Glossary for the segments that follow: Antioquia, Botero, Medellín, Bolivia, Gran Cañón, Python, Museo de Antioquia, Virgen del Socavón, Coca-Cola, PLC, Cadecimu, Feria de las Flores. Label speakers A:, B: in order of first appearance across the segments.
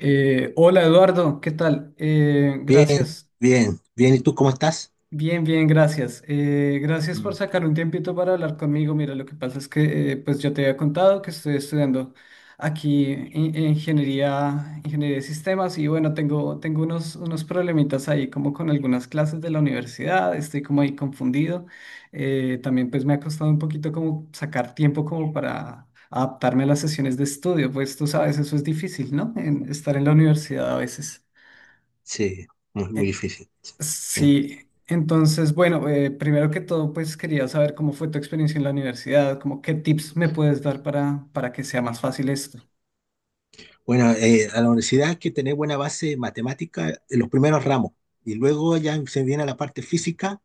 A: Hola Eduardo, ¿qué tal?
B: Bien,
A: Gracias,
B: bien, bien. ¿Y tú cómo estás?
A: bien, bien, gracias. Gracias por
B: Mm.
A: sacar un tiempito para hablar conmigo. Mira, lo que pasa es que pues yo te había contado que estoy estudiando aquí ingeniería de sistemas y bueno, tengo unos, problemitas ahí como con algunas clases de la universidad, estoy como ahí confundido. También pues me ha costado un poquito como sacar tiempo como para... adaptarme a las sesiones de estudio, pues tú sabes, eso es difícil, ¿no? En estar en la universidad a veces.
B: Sí, muy, muy difícil. Sí, sí.
A: Sí, entonces, bueno, primero que todo, pues quería saber cómo fue tu experiencia en la universidad, como qué tips me puedes dar para que sea más fácil esto.
B: Bueno, a la universidad hay que tener buena base matemática en los primeros ramos y luego ya se viene la parte física,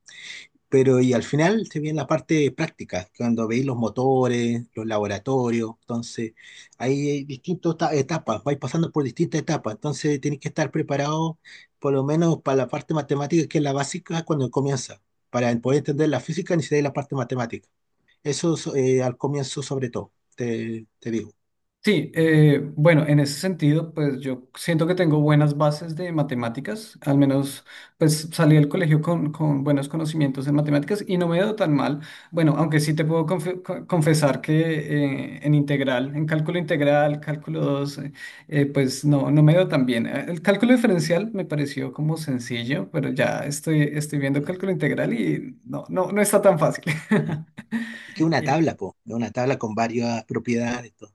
B: pero y al final se viene la parte práctica, cuando veis los motores, los laboratorios. Entonces, hay distintas etapas, vais pasando por distintas etapas. Entonces, tienes que estar preparado por lo menos para la parte matemática, que es la básica cuando comienza. Para poder entender la física necesitáis la parte matemática. Al comienzo sobre todo, te digo.
A: Sí, bueno, en ese sentido, pues yo siento que tengo buenas bases de matemáticas, al menos pues salí del colegio con buenos conocimientos en matemáticas y no me he dado tan mal. Bueno, aunque sí te puedo confesar que en cálculo integral, cálculo 2, pues no, me he dado tan bien. El cálculo diferencial me pareció como sencillo, pero ya estoy, viendo
B: Mm.
A: cálculo integral y no está tan fácil.
B: Es que una
A: Eh,
B: tabla, po, es una tabla con varias propiedades, todo.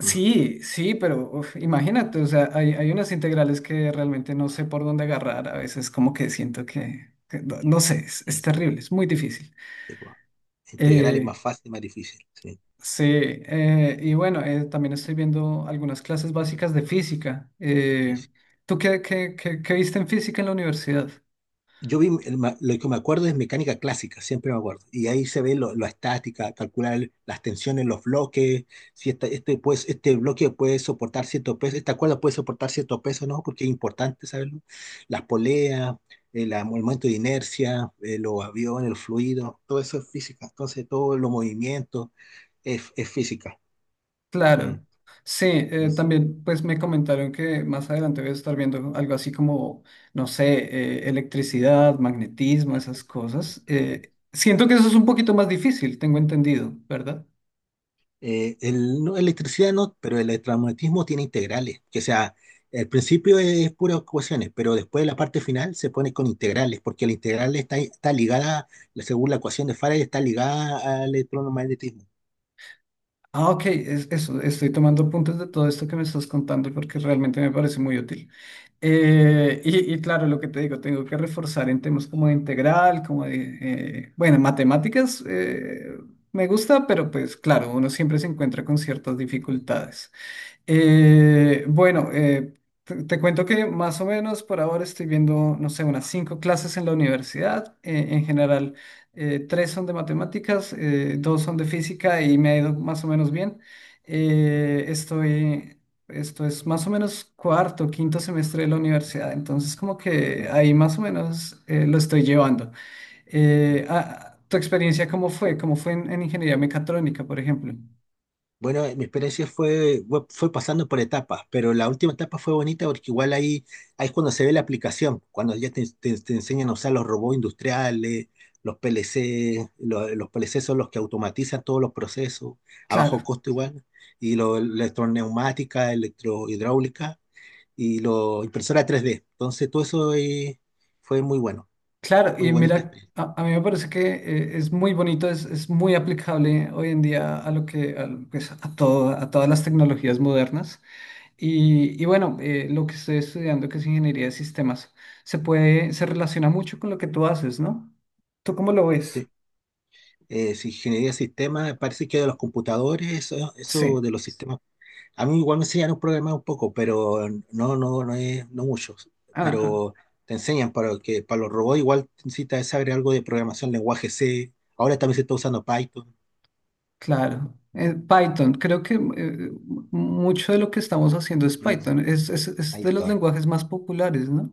B: Mm,
A: sí, pero uf, imagínate, o sea, hay unas integrales que realmente no sé por dónde agarrar, a veces como que siento que, no, no sé, es,
B: mm, mm.
A: es terrible, es muy difícil.
B: Sí, po. Integral es
A: Eh,
B: más fácil, más difícil. Sí,
A: sí, y bueno, también estoy viendo algunas clases básicas de física.
B: sí, sí.
A: ¿Tú qué viste en física en la universidad?
B: Yo vi, lo que me acuerdo es mecánica clásica, siempre me acuerdo. Y ahí se ve lo, la estática, calcular las tensiones, los bloques, si este, pues, este bloque puede soportar cierto peso, esta cuerda puede soportar cierto peso, ¿no? Porque es importante saberlo. Las poleas, el momento de inercia, los aviones, el fluido, todo eso es física. Entonces, todos los movimientos es física. Mm,
A: Claro, sí,
B: mm.
A: también pues me comentaron que más adelante voy a estar viendo algo así como, no sé, electricidad, magnetismo,
B: Ah,
A: esas cosas.
B: también.
A: Siento que eso es un poquito más difícil, tengo entendido, ¿verdad?
B: El, no, electricidad no, pero el electromagnetismo tiene integrales, que sea, el principio es, puras ecuaciones, pero después la parte final se pone con integrales, porque la integral está, está ligada, según la ecuación de Faraday, está ligada al electromagnetismo.
A: Ah, ok, eso, estoy tomando apuntes de todo esto que me estás contando porque realmente me parece muy útil. Y claro, lo que te digo, tengo que reforzar en temas como de integral, como de, bueno, matemáticas, me gusta, pero pues claro, uno siempre se encuentra con ciertas dificultades. Bueno, te cuento que más o menos por ahora estoy viendo, no sé, unas cinco clases en la universidad. En general, tres son de matemáticas, dos son de física y me ha ido más o menos bien. Eh, estoy, Esto es más o menos cuarto, quinto semestre de la universidad, entonces como que
B: Mm.
A: ahí más o menos lo estoy llevando. ¿Tu experiencia cómo fue? ¿Cómo fue en ingeniería mecatrónica, por ejemplo?
B: Bueno, mi experiencia fue, fue pasando por etapas, pero la última etapa fue bonita porque igual ahí, ahí es cuando se ve la aplicación, cuando ya te enseñan a usar los robots industriales, los PLC, PLC son los que automatizan todos los procesos, a bajo
A: Claro.
B: costo igual, y lo, electroneumática, electrohidráulica y lo, impresora 3D. Entonces todo eso fue muy bueno,
A: Claro,
B: muy
A: y
B: bonita
A: mira,
B: experiencia.
A: a, mí me parece que es muy bonito, es muy aplicable hoy en día a lo que, a, lo- pues, a todas las tecnologías modernas. Y bueno, lo que estoy estudiando, que es ingeniería de sistemas, se relaciona mucho con lo que tú haces, ¿no? ¿Tú cómo lo ves?
B: Sí. Si ingeniería de sistemas, parece que de los computadores, eso
A: Sí.
B: de los sistemas. A mí igual me enseñan un programar un poco, pero no, no, no mucho.
A: Ah, ah,
B: Pero te enseñan para que para los robots igual necesitas saber algo de programación, lenguaje C. Ahora también se está usando Python.
A: claro. Python, creo que mucho de lo que estamos haciendo es
B: ¿No?
A: Python, es, de los
B: Python.
A: lenguajes más populares, ¿no?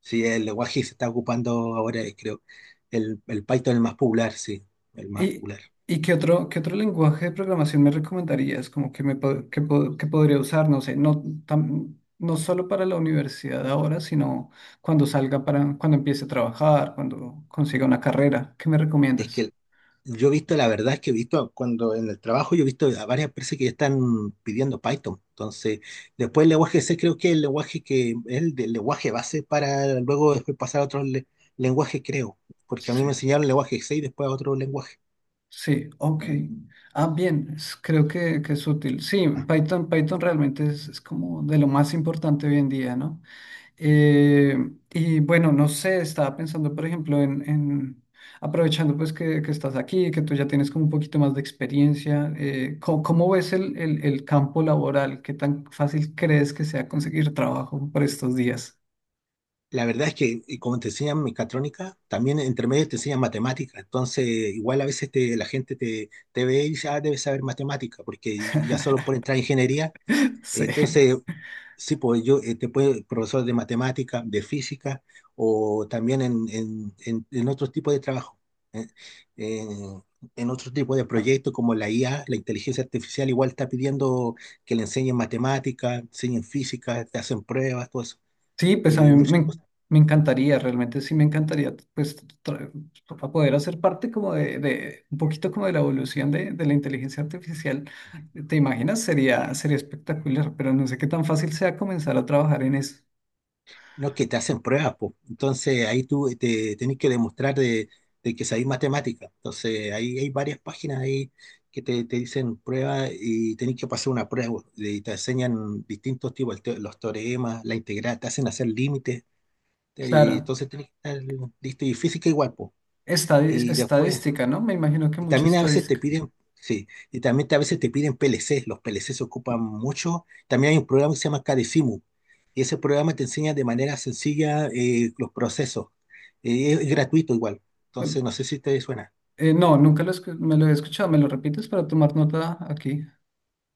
B: Sí, el lenguaje que se está ocupando ahora, creo. El Python es el más popular, sí, el más
A: ¿Y,
B: popular.
A: y qué otro lenguaje de programación me recomendarías? Como que, me, pod- que podría usar, no sé, no solo para la universidad ahora, sino cuando empiece a trabajar, cuando consiga una carrera. ¿Qué me
B: Es
A: recomiendas?
B: que Yo he visto, la verdad es que he visto cuando en el trabajo, yo he visto a varias empresas que ya están pidiendo Python. Entonces, después el lenguaje C creo que es el lenguaje que es el, del lenguaje base para luego después pasar a otros lenguajes, creo. Porque a mí me
A: Sí,
B: enseñaron el lenguaje C y después a otro lenguaje.
A: sí, ok. Ah, bien, creo que, es útil. Sí,
B: Ah,
A: Python realmente es como de lo más importante hoy en día, ¿no? Eh, y bueno, no sé, estaba pensando, por ejemplo, aprovechando pues que estás aquí, que tú ya tienes como un poquito más de experiencia, ¿cómo ves el campo laboral? ¿Qué tan fácil crees que sea conseguir trabajo por estos días?
B: la verdad es que y como te enseñan mecatrónica, también entre medio te enseñan matemática. Entonces, igual a veces la gente te ve y dice, ah, debes saber matemática, porque ya solo por entrar a ingeniería.
A: Sí.
B: Entonces, sí, pues yo te puede, profesor de matemática, de física o también en otros tipos de trabajo, eh, eh, en otros tipos de proyectos como la IA, la inteligencia artificial, igual está pidiendo que le enseñen matemática, enseñen física, te hacen pruebas, todo eso,
A: Sí, pues a
B: y
A: mí me,
B: muchas
A: en-
B: cosas.
A: me encantaría, realmente sí me encantaría, para poder hacer parte como un poquito como de la evolución de la inteligencia artificial. ¿Te imaginas? Sería espectacular, pero no sé qué tan fácil sea comenzar a trabajar en eso.
B: No, que te hacen pruebas, pues. Entonces ahí tú te tenés que demostrar de que sabés matemática. Entonces ahí hay varias páginas ahí te dicen pruebas y tenés que pasar una prueba. Y te enseñan distintos tipos, los teoremas, la integral, te hacen hacer límites. te-
A: Claro,
B: entonces tenés que estar listo y física igual, pues. Y después,
A: estadística, ¿no? Me imagino que
B: y
A: mucha
B: también a veces te
A: estadística.
B: piden, sí, y también a veces te piden PLC, los PLC se ocupan mucho. También hay un programa que se llama Cadecimu, y ese programa te enseña de manera sencilla los procesos. Es gratuito igual, entonces no sé si te suena.
A: No, nunca me lo he escuchado, ¿me lo repites para tomar nota aquí?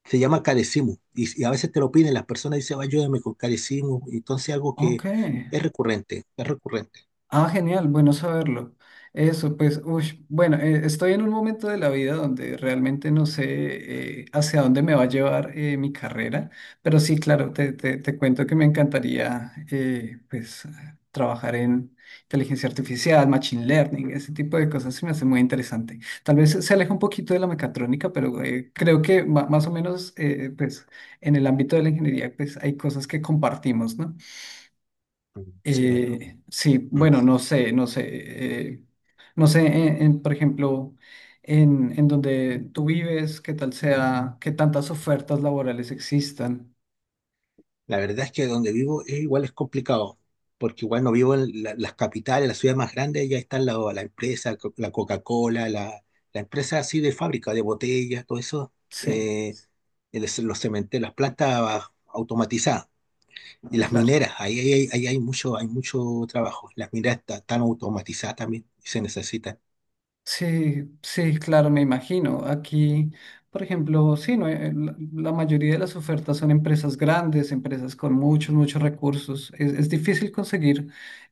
B: Se llama Cadecimu, y a veces te lo piden, las personas dicen, ayúdame con Cadecimu, entonces algo que
A: Ok.
B: es recurrente, es recurrente.
A: Ah, genial, bueno saberlo. Eso, pues, uy, bueno, estoy en un momento de la vida donde realmente no sé hacia dónde me va a llevar mi carrera, pero sí, claro, te, te cuento que me encantaría, pues, trabajar en inteligencia artificial, machine learning, ese tipo de cosas se me hace muy interesante. Tal vez se aleja un poquito de la mecatrónica, pero creo que más o menos, pues, en el ámbito de la ingeniería, pues, hay cosas que compartimos, ¿no?
B: Mm. Sí, verdad.
A: Sí,
B: Mm.
A: bueno, no sé, no sé, eh, no sé, por ejemplo, en donde tú vives, qué tal sea, qué tantas ofertas laborales existan.
B: La verdad es que donde vivo es igual es complicado, porque igual no vivo en las capitales, las ciudades más grandes, ya están la empresa, la Coca-Cola, la empresa así de fábrica, de botellas, todo eso,
A: Sí,
B: eh, los cementerios, las plantas automatizadas y las
A: claro.
B: mineras, ahí hay mucho trabajo. Las mineras están automatizadas también y se necesitan.
A: Sí, sí, claro, me imagino. Aquí, por ejemplo, sí, no, la mayoría de las ofertas son empresas grandes, empresas con muchos, muchos recursos. Es difícil conseguir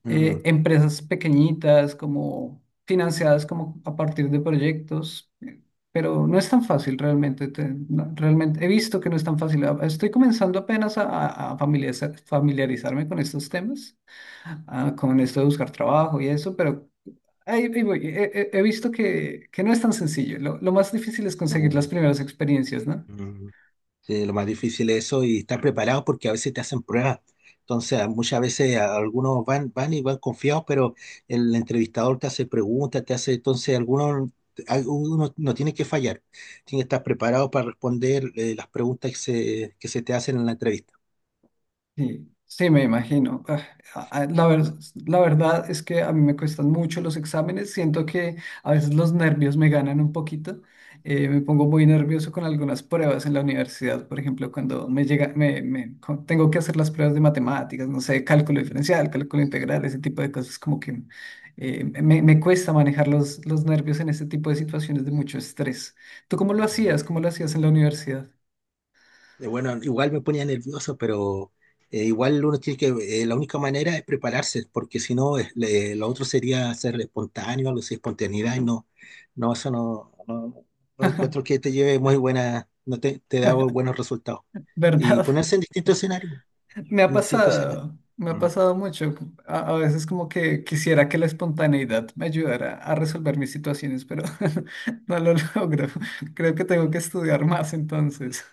B: Mm,
A: empresas pequeñitas, como financiadas como a partir de proyectos, pero no es tan fácil realmente. No, realmente he visto que no es tan fácil. Ah, estoy comenzando apenas a familiarizarme con estos temas, con esto de buscar trabajo y eso, pero ahí, voy. He visto que no es tan sencillo. Lo más difícil es conseguir las
B: mm,
A: primeras experiencias, ¿no?
B: mm. Sí, lo más difícil es eso y estar preparado porque a veces te hacen pruebas. Entonces, muchas veces algunos van, van y van confiados, pero el entrevistador te hace preguntas, te hace, entonces algunos, algunos no tiene que fallar. Tiene que estar preparado para responder las preguntas que se te hacen en la entrevista.
A: Sí, sí, me imagino. A- a- La ver- la verdad es que a mí me cuestan mucho los exámenes. Siento que a veces los nervios me ganan un poquito. Me pongo muy nervioso con algunas pruebas en la universidad. Por ejemplo, cuando me llega, me- cu- tengo que hacer las pruebas de matemáticas, no sé, cálculo diferencial, cálculo integral, ese tipo de cosas, como que me, cuesta manejar los nervios en ese tipo de situaciones de mucho estrés. ¿Tú cómo lo hacías? ¿Cómo lo hacías en la universidad?
B: Bueno, igual me ponía nervioso, pero igual uno tiene que, la única manera es prepararse, porque si no, lo otro sería ser espontáneo, algo así, espontaneidad, y no, no, eso no, no, no encuentro que te lleve muy buena, no te da buenos resultados. Y
A: ¿Verdad?
B: ponerse en distintos escenarios, en distintos escenarios.
A: Me ha
B: Mm,
A: pasado mucho. A veces como que quisiera que la espontaneidad me ayudara a resolver mis situaciones, pero no lo logro. Creo que tengo que estudiar más entonces.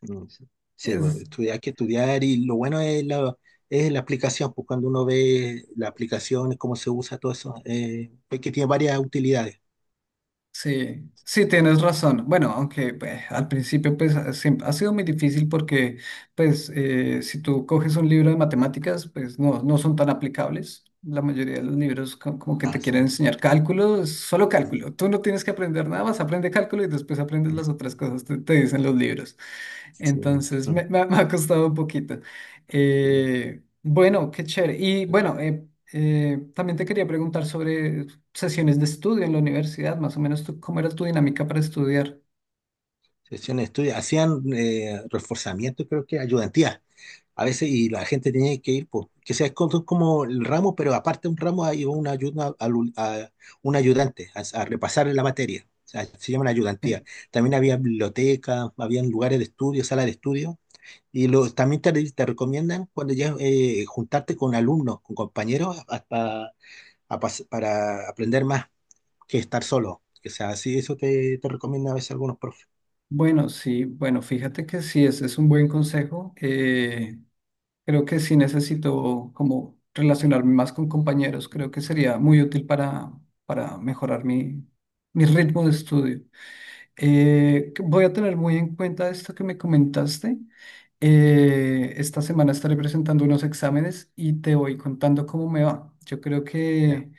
B: mm, sí. Sí, bueno,
A: Es,
B: estudiar, hay que estudiar, y lo bueno es la aplicación, pues cuando uno ve la aplicación, cómo se usa todo eso, pues que tiene varias utilidades.
A: Sí, sí, tienes razón. Bueno, aunque pues, al principio pues, ha sido muy difícil porque pues, si tú coges un libro de matemáticas, pues no, son tan aplicables. La mayoría de los libros como que te
B: Ah,
A: quieren
B: sí.
A: enseñar cálculo, es solo cálculo. Tú no tienes que aprender nada más, aprende cálculo y después aprendes las otras cosas, te dicen los libros.
B: Sí,
A: Entonces
B: ujú,
A: me ha costado un poquito.
B: sí.
A: Bueno, qué chévere. Y bueno, también te quería preguntar sobre sesiones de estudio en la universidad, más o menos tú, cómo era tu dinámica para estudiar.
B: Hacían estudios, hacían reforzamiento, creo que ayudantía. A veces, y la gente tenía que ir, pues, que sea como como el ramo, pero aparte de un ramo hay una ayuda, a, un ayudante a repasar la materia. O sea, se llama
A: Sí.
B: ayudantía. También había biblioteca, habían lugares de estudio, sala de estudio. Y lo, también te recomiendan cuando ya juntarte con alumnos, con compañeros, hasta, para aprender más que estar solo. O sea, sí, eso te recomienda a veces algunos profesores.
A: Bueno, sí, bueno, fíjate que sí, ese es un buen consejo. Creo que sí necesito como relacionarme más con compañeros, creo que sería muy útil para, mejorar mi ritmo de estudio. Que voy a tener muy en cuenta esto que me comentaste. Esta semana estaré presentando unos exámenes y te voy contando cómo me va. Yo creo
B: Ya,
A: que.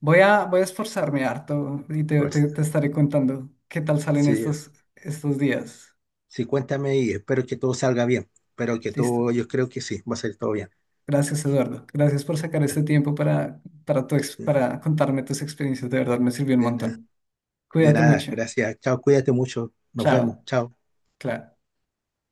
A: Voy a esforzarme harto y te, te-
B: fuerza.
A: te estaré contando qué tal salen
B: Sí,
A: estos, días.
B: sí, cuéntame y espero que todo salga bien. Espero que
A: Listo.
B: todo, yo creo que sí, va a salir todo bien.
A: Gracias, Eduardo. Gracias por sacar
B: Ya.
A: este tiempo para contarme tus experiencias. De verdad, me sirvió un
B: De nada,
A: montón.
B: de
A: Cuídate
B: nada,
A: mucho.
B: gracias. Chao, cuídate mucho. Nos
A: Chao.
B: vemos. Chao.
A: Claro.